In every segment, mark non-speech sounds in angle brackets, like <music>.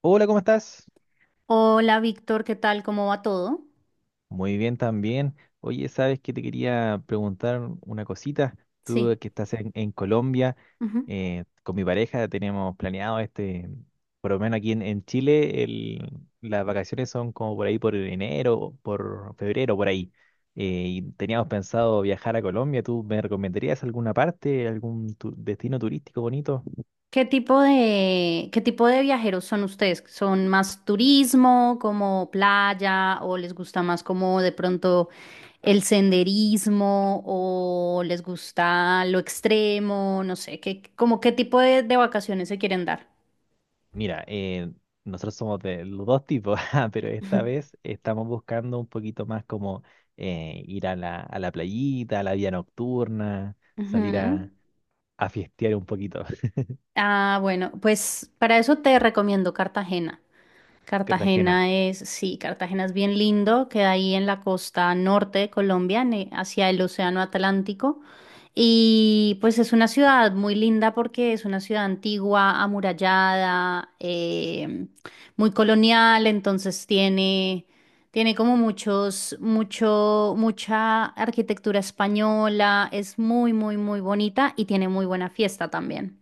Hola, ¿cómo estás? Hola Víctor, ¿qué tal? ¿Cómo va todo? Muy bien también. Oye, sabes que te quería preguntar una cosita. Tú Sí. que estás en Colombia, Ujú. Con mi pareja tenemos planeado por lo menos aquí en Chile, las vacaciones son como por ahí por enero, por febrero, por ahí. Y teníamos pensado viajar a Colombia. ¿Tú me recomendarías alguna parte, algún destino turístico bonito? ¿Qué tipo de viajeros son ustedes? ¿Son más turismo, como playa, o les gusta más como de pronto el senderismo, o les gusta lo extremo? No sé, ¿como qué tipo de vacaciones se quieren dar? Mira, nosotros somos de los dos tipos, <laughs> ah, pero esta <laughs> vez estamos buscando un poquito más como ir a la playita, a la vida nocturna, salir Ujú. a fiestear un poquito. <laughs> Ah, bueno, pues para eso te recomiendo Cartagena. Cartagena, Cartagena es, sí, Cartagena es bien lindo, queda ahí en la costa norte de Colombia, hacia el Océano Atlántico. Y pues es una ciudad muy linda porque es una ciudad antigua, amurallada, muy colonial, entonces tiene como mucha arquitectura española, es muy, muy, muy bonita y tiene muy buena fiesta también.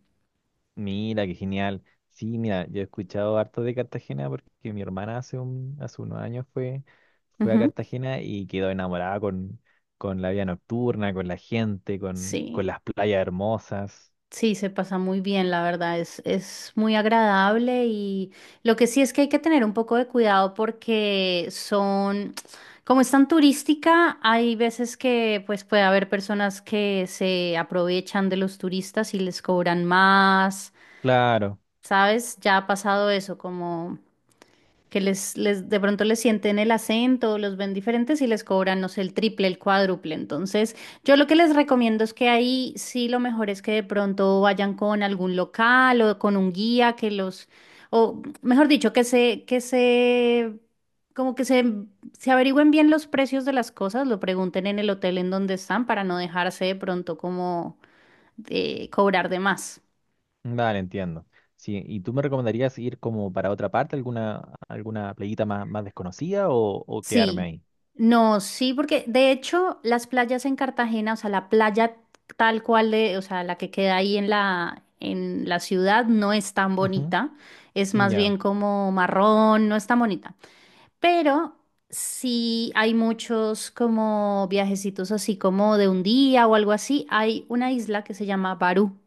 mira, qué genial. Sí, mira, yo he escuchado harto de Cartagena porque mi hermana hace unos años fue, fue a Ujú. Cartagena y quedó enamorada con la vida nocturna, con la gente, Sí. con las playas hermosas. Sí, se pasa muy bien, la verdad, es muy agradable y lo que sí es que hay que tener un poco de cuidado porque como es tan turística, hay veces que pues puede haber personas que se aprovechan de los turistas y les cobran más, Claro. ¿sabes? Ya ha pasado eso, como que les de pronto les sienten el acento, los ven diferentes y les cobran, no sé, el triple, el cuádruple. Entonces, yo lo que les recomiendo es que ahí sí lo mejor es que de pronto vayan con algún local o con un guía o mejor dicho, que se averigüen bien los precios de las cosas, lo pregunten en el hotel en donde están para no dejarse de pronto como cobrar de más. Vale, entiendo. Sí, ¿y tú me recomendarías ir como para otra parte, alguna playita más desconocida o quedarme Sí, ahí? no, sí, porque de hecho las playas en Cartagena, o sea, la playa tal cual de, o sea, la que queda ahí en la, ciudad no es tan Ujú, bonita, es más ya, bien como marrón, no es tan bonita, pero sí hay muchos como viajecitos así como de un día o algo así, hay una isla que se llama Barú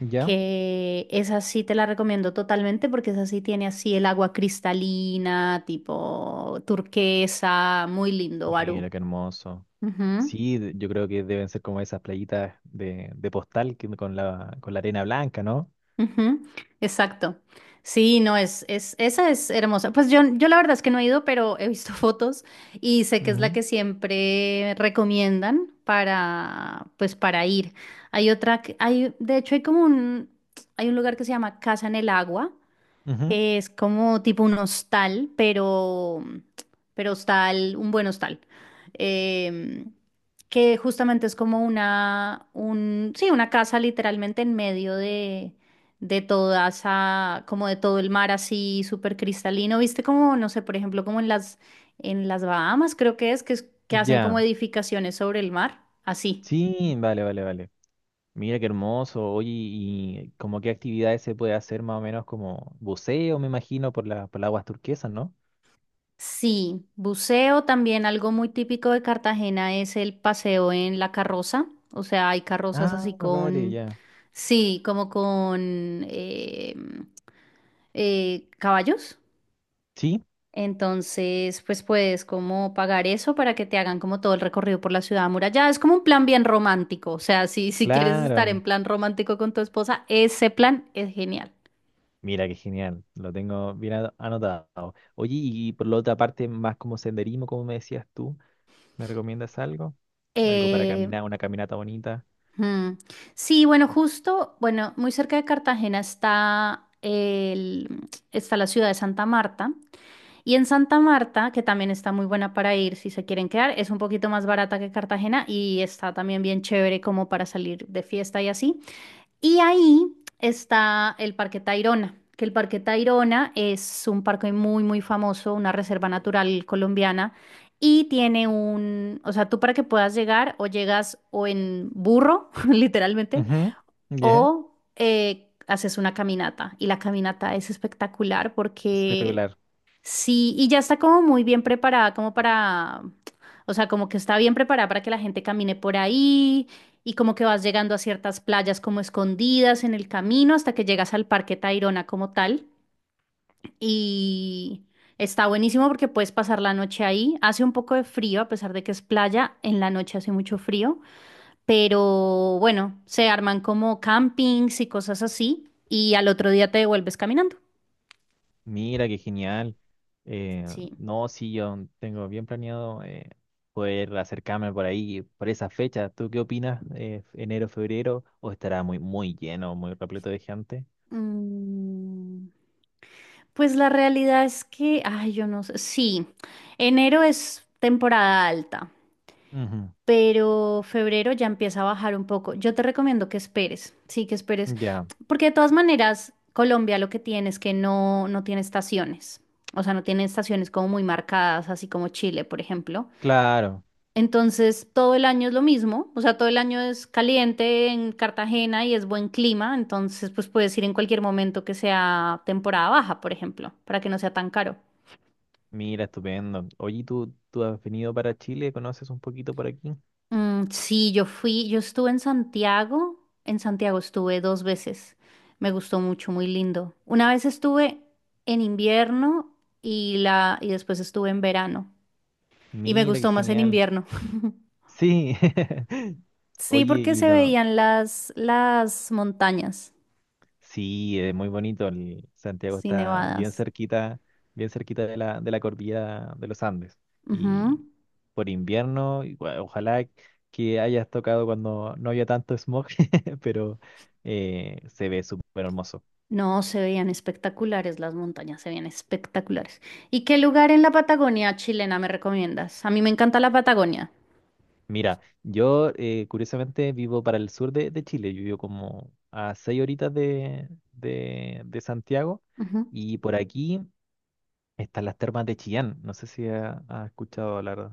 ya. que esa sí te la recomiendo totalmente porque esa sí tiene así el agua cristalina, tipo turquesa, muy lindo, Barú. Mira, qué hermoso. Ujú. Sí, yo creo que deben ser como esas playitas de postal con con la arena blanca, ¿no? Ujú. Exacto. Sí, no, esa es hermosa. Pues yo la verdad es que no he ido, pero he visto <laughs> fotos y sé que es la Ujú, que siempre recomiendan pues para ir. Hay otra, hay, de hecho hay hay un lugar que se llama Casa en el Agua. ujú, Es como tipo un hostal, pero hostal, un buen hostal. Eh, que justamente es como una, un, sí, una casa literalmente en medio de, toda esa, como de todo el mar así súper cristalino. ¿Viste como, no sé, por ejemplo, como en las Bahamas, creo que es, que hacen como ya. edificaciones sobre el mar? Así. Sí, vale, vale, vale. Mira, qué hermoso. Oye, ¿y como qué actividades se puede hacer más o menos como buceo, me imagino, por por las aguas turquesas, ¿no? Sí, buceo también, algo muy típico de Cartagena es el paseo en la carroza, o sea, hay carrozas así Ah, vale, con, ya. sí, como con caballos. Sí. Entonces, pues puedes como pagar eso para que te hagan como todo el recorrido por la ciudad amurallada. Es como un plan bien romántico, o sea, si, si quieres estar en Claro, plan romántico con tu esposa, ese plan es genial. mira qué genial, lo tengo bien anotado. Oye, y por la otra parte, más como senderismo, como me decías tú, ¿me recomiendas algo? Algo para Eh, caminar, una caminata bonita. Mm. Sí, bueno, justo, bueno, muy cerca de Cartagena está la ciudad de Santa Marta. Y en Santa Marta, que también está muy buena para ir si se quieren quedar, es un poquito más barata que Cartagena y está también bien chévere como para salir de fiesta y así. Y ahí está el Parque Tayrona, que el Parque Tayrona es un parque muy, muy famoso, una reserva natural colombiana, y tiene un, o sea, tú para que puedas llegar o llegas o en burro, <laughs> literalmente, Ujú, ya. o haces una caminata. Y la caminata es espectacular porque, Espectacular, sí, y ya está como muy bien preparada, como para, o sea, como que está bien preparada para que la gente camine por ahí y como que vas llegando a ciertas playas como escondidas en el camino hasta que llegas al Parque Tayrona como tal. Y está buenísimo porque puedes pasar la noche ahí. Hace un poco de frío, a pesar de que es playa, en la noche hace mucho frío, pero bueno, se arman como campings y cosas así y al otro día te devuelves caminando. mira qué genial. Eh, Sí. no, sí, yo tengo bien planeado poder acercarme por ahí, por esa fecha. ¿Tú qué opinas? ¿Enero, febrero? ¿O estará muy, muy lleno, muy repleto de gente? Mm. Pues la realidad es que, ay, yo no sé, sí, enero es temporada alta, Ujú, pero febrero ya empieza a bajar un poco. Yo te recomiendo que esperes, sí, que esperes, ya, porque de todas maneras, Colombia lo que tiene es que no tiene estaciones, o sea, no tiene estaciones como muy marcadas, así como Chile, por ejemplo. claro. Entonces, todo el año es lo mismo, o sea, todo el año es caliente en Cartagena y es buen clima, entonces, pues puedes ir en cualquier momento que sea temporada baja, por ejemplo, para que no sea tan caro. Mira, estupendo. Oye, ¿tú has venido para Chile? ¿Conoces un poquito por aquí? Mm, sí, yo fui, yo estuve en Santiago estuve dos veces, me gustó mucho, muy lindo. Una vez estuve en invierno y después estuve en verano y me Mira, qué gustó más en genial. invierno. <laughs> Sí. <laughs> Sí, Oye, porque y se no. veían las montañas, Sí, es muy bonito. El Santiago sí, está nevadas. Bien cerquita de de la cordillera de los Andes. Ujú. Y por invierno, ojalá que hayas tocado cuando no haya tanto smog, <laughs> pero se ve súper hermoso. No, se veían espectaculares las montañas, se veían espectaculares. ¿Y qué lugar en la Patagonia chilena me recomiendas? A mí me encanta la Patagonia. Mira, yo curiosamente vivo para el sur de Chile, yo vivo como a seis horitas de Santiago Ujú. y por aquí están las termas de Chillán. No sé si ha, ha escuchado hablar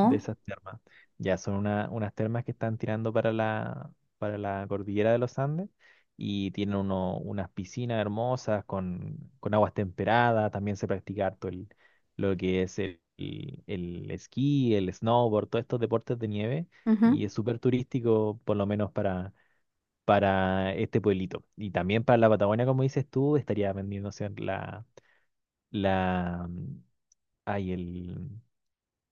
de esas termas. Ya son unas termas que están tirando para para la cordillera de los Andes y tienen unas piscinas hermosas con aguas temperadas. También se practica harto lo que es el esquí, el snowboard, todos estos deportes de nieve y es Ujú. súper turístico, por lo menos para este pueblito. Y también para la Patagonia, como dices tú, estaría vendiéndose la hay el,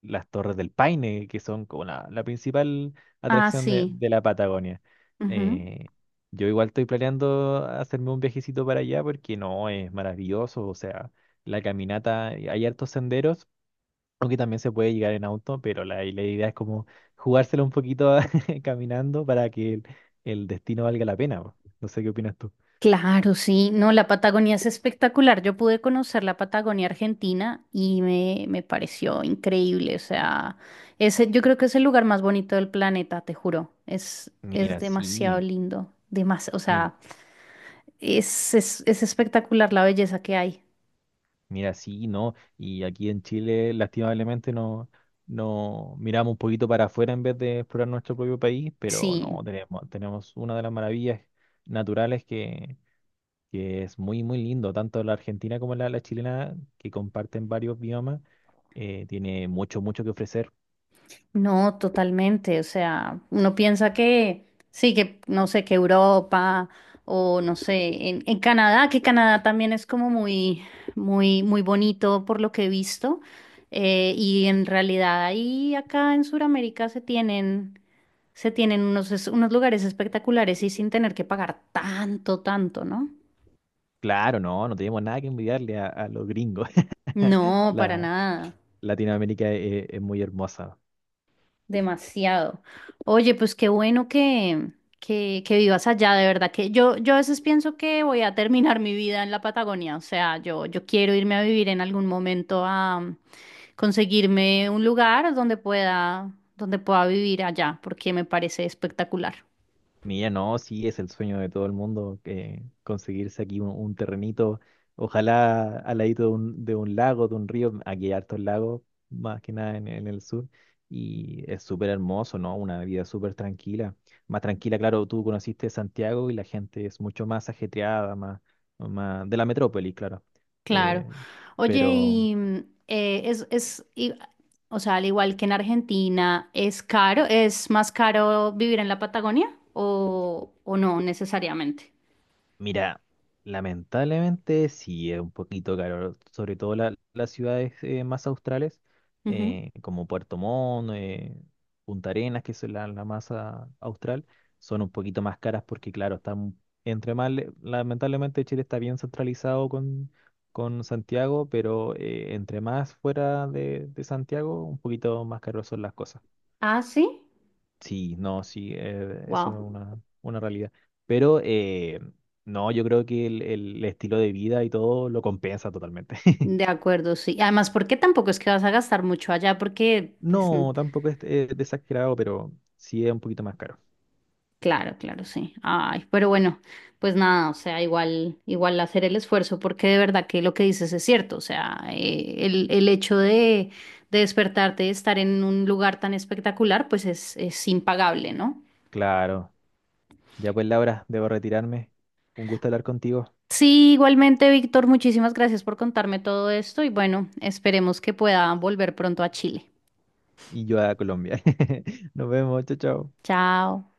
las Torres del Paine, que son como la principal Ah, atracción sí. de la Patagonia. Ujú. Eh, yo igual estoy planeando hacerme un viajecito para allá porque no, es maravilloso. O sea, la caminata, hay hartos senderos, aunque también se puede llegar en auto, pero la idea es como jugárselo un poquito <laughs> caminando para que el destino valga la pena. Po. No sé qué opinas tú. Claro, sí. No, la Patagonia es espectacular. Yo pude conocer la Patagonia Argentina y me pareció increíble. O sea, ese, yo creo que es el lugar más bonito del planeta, te juro. Es Mira, demasiado sí. lindo. O em, sea, es espectacular la belleza que hay. Mira, sí, ¿no? Y aquí en Chile, lastimablemente, no, no miramos un poquito para afuera en vez de explorar nuestro propio país, pero no, Sí. Tenemos una de las maravillas naturales que es muy, muy lindo, tanto la argentina como la chilena, que comparten varios biomas, tiene mucho, mucho que ofrecer. No, totalmente. O sea, uno piensa que sí, que no sé, que Europa o no sé, en Canadá, que Canadá también es como muy, muy, muy bonito por lo que he visto. Y en realidad ahí acá en Sudamérica se tienen unos lugares espectaculares y sin tener que pagar tanto, tanto, ¿no? Claro, no, no tenemos nada que envidiarle a los gringos. <laughs> No, para La, nada. Latinoamérica es muy hermosa. Demasiado. Oye, pues qué bueno que, que vivas allá, de verdad que yo a veces pienso que voy a terminar mi vida en la Patagonia, o sea, yo quiero irme a vivir en algún momento a conseguirme un lugar donde pueda vivir allá, porque me parece espectacular. Mira, no, sí, es el sueño de todo el mundo que conseguirse aquí un terrenito, ojalá al ladito de de un lago, de un río, aquí hay hartos lagos, más que nada en el sur, y es súper hermoso, ¿no? Una vida súper tranquila, más tranquila, claro, tú conociste Santiago y la gente es mucho más ajetreada, más, más de la metrópoli, claro. Claro. Eh, Oye, pero... eh, es, es, y- o sea, al igual que en Argentina, ¿es caro? ¿Es más caro vivir en la Patagonia o no necesariamente? Mira, lamentablemente sí es un poquito caro, sobre todo las ciudades más australes, como Puerto Montt, Punta Arenas, que es la más ah, austral, son un poquito más caras porque, claro, están lamentablemente Chile está bien centralizado con Santiago, pero entre más fuera de Santiago, un poquito más caros son las cosas. Ah, sí. Sí, no, sí, eso es Wow. Una realidad. Pero no, yo creo que el estilo de vida y todo lo compensa totalmente. <laughs> De acuerdo, sí. Además, porque tampoco es que vas a gastar mucho allá, porque, pues, No, tampoco es desesperado, pero sí es un poquito más caro. claro, claro, sí. Ay, pero bueno, pues nada, o sea, igual hacer el esfuerzo, porque de verdad que lo que dices es cierto. O sea, el hecho de, despertarte y estar en un lugar tan espectacular, pues es impagable, ¿no? Claro, ya pues Laura, debo retirarme. Un gusto hablar contigo Sí, igualmente, Víctor, muchísimas gracias por contarme todo esto y bueno, esperemos que pueda volver pronto a Chile. y yo a Colombia. <laughs> Nos vemos, chao, chao. Chao.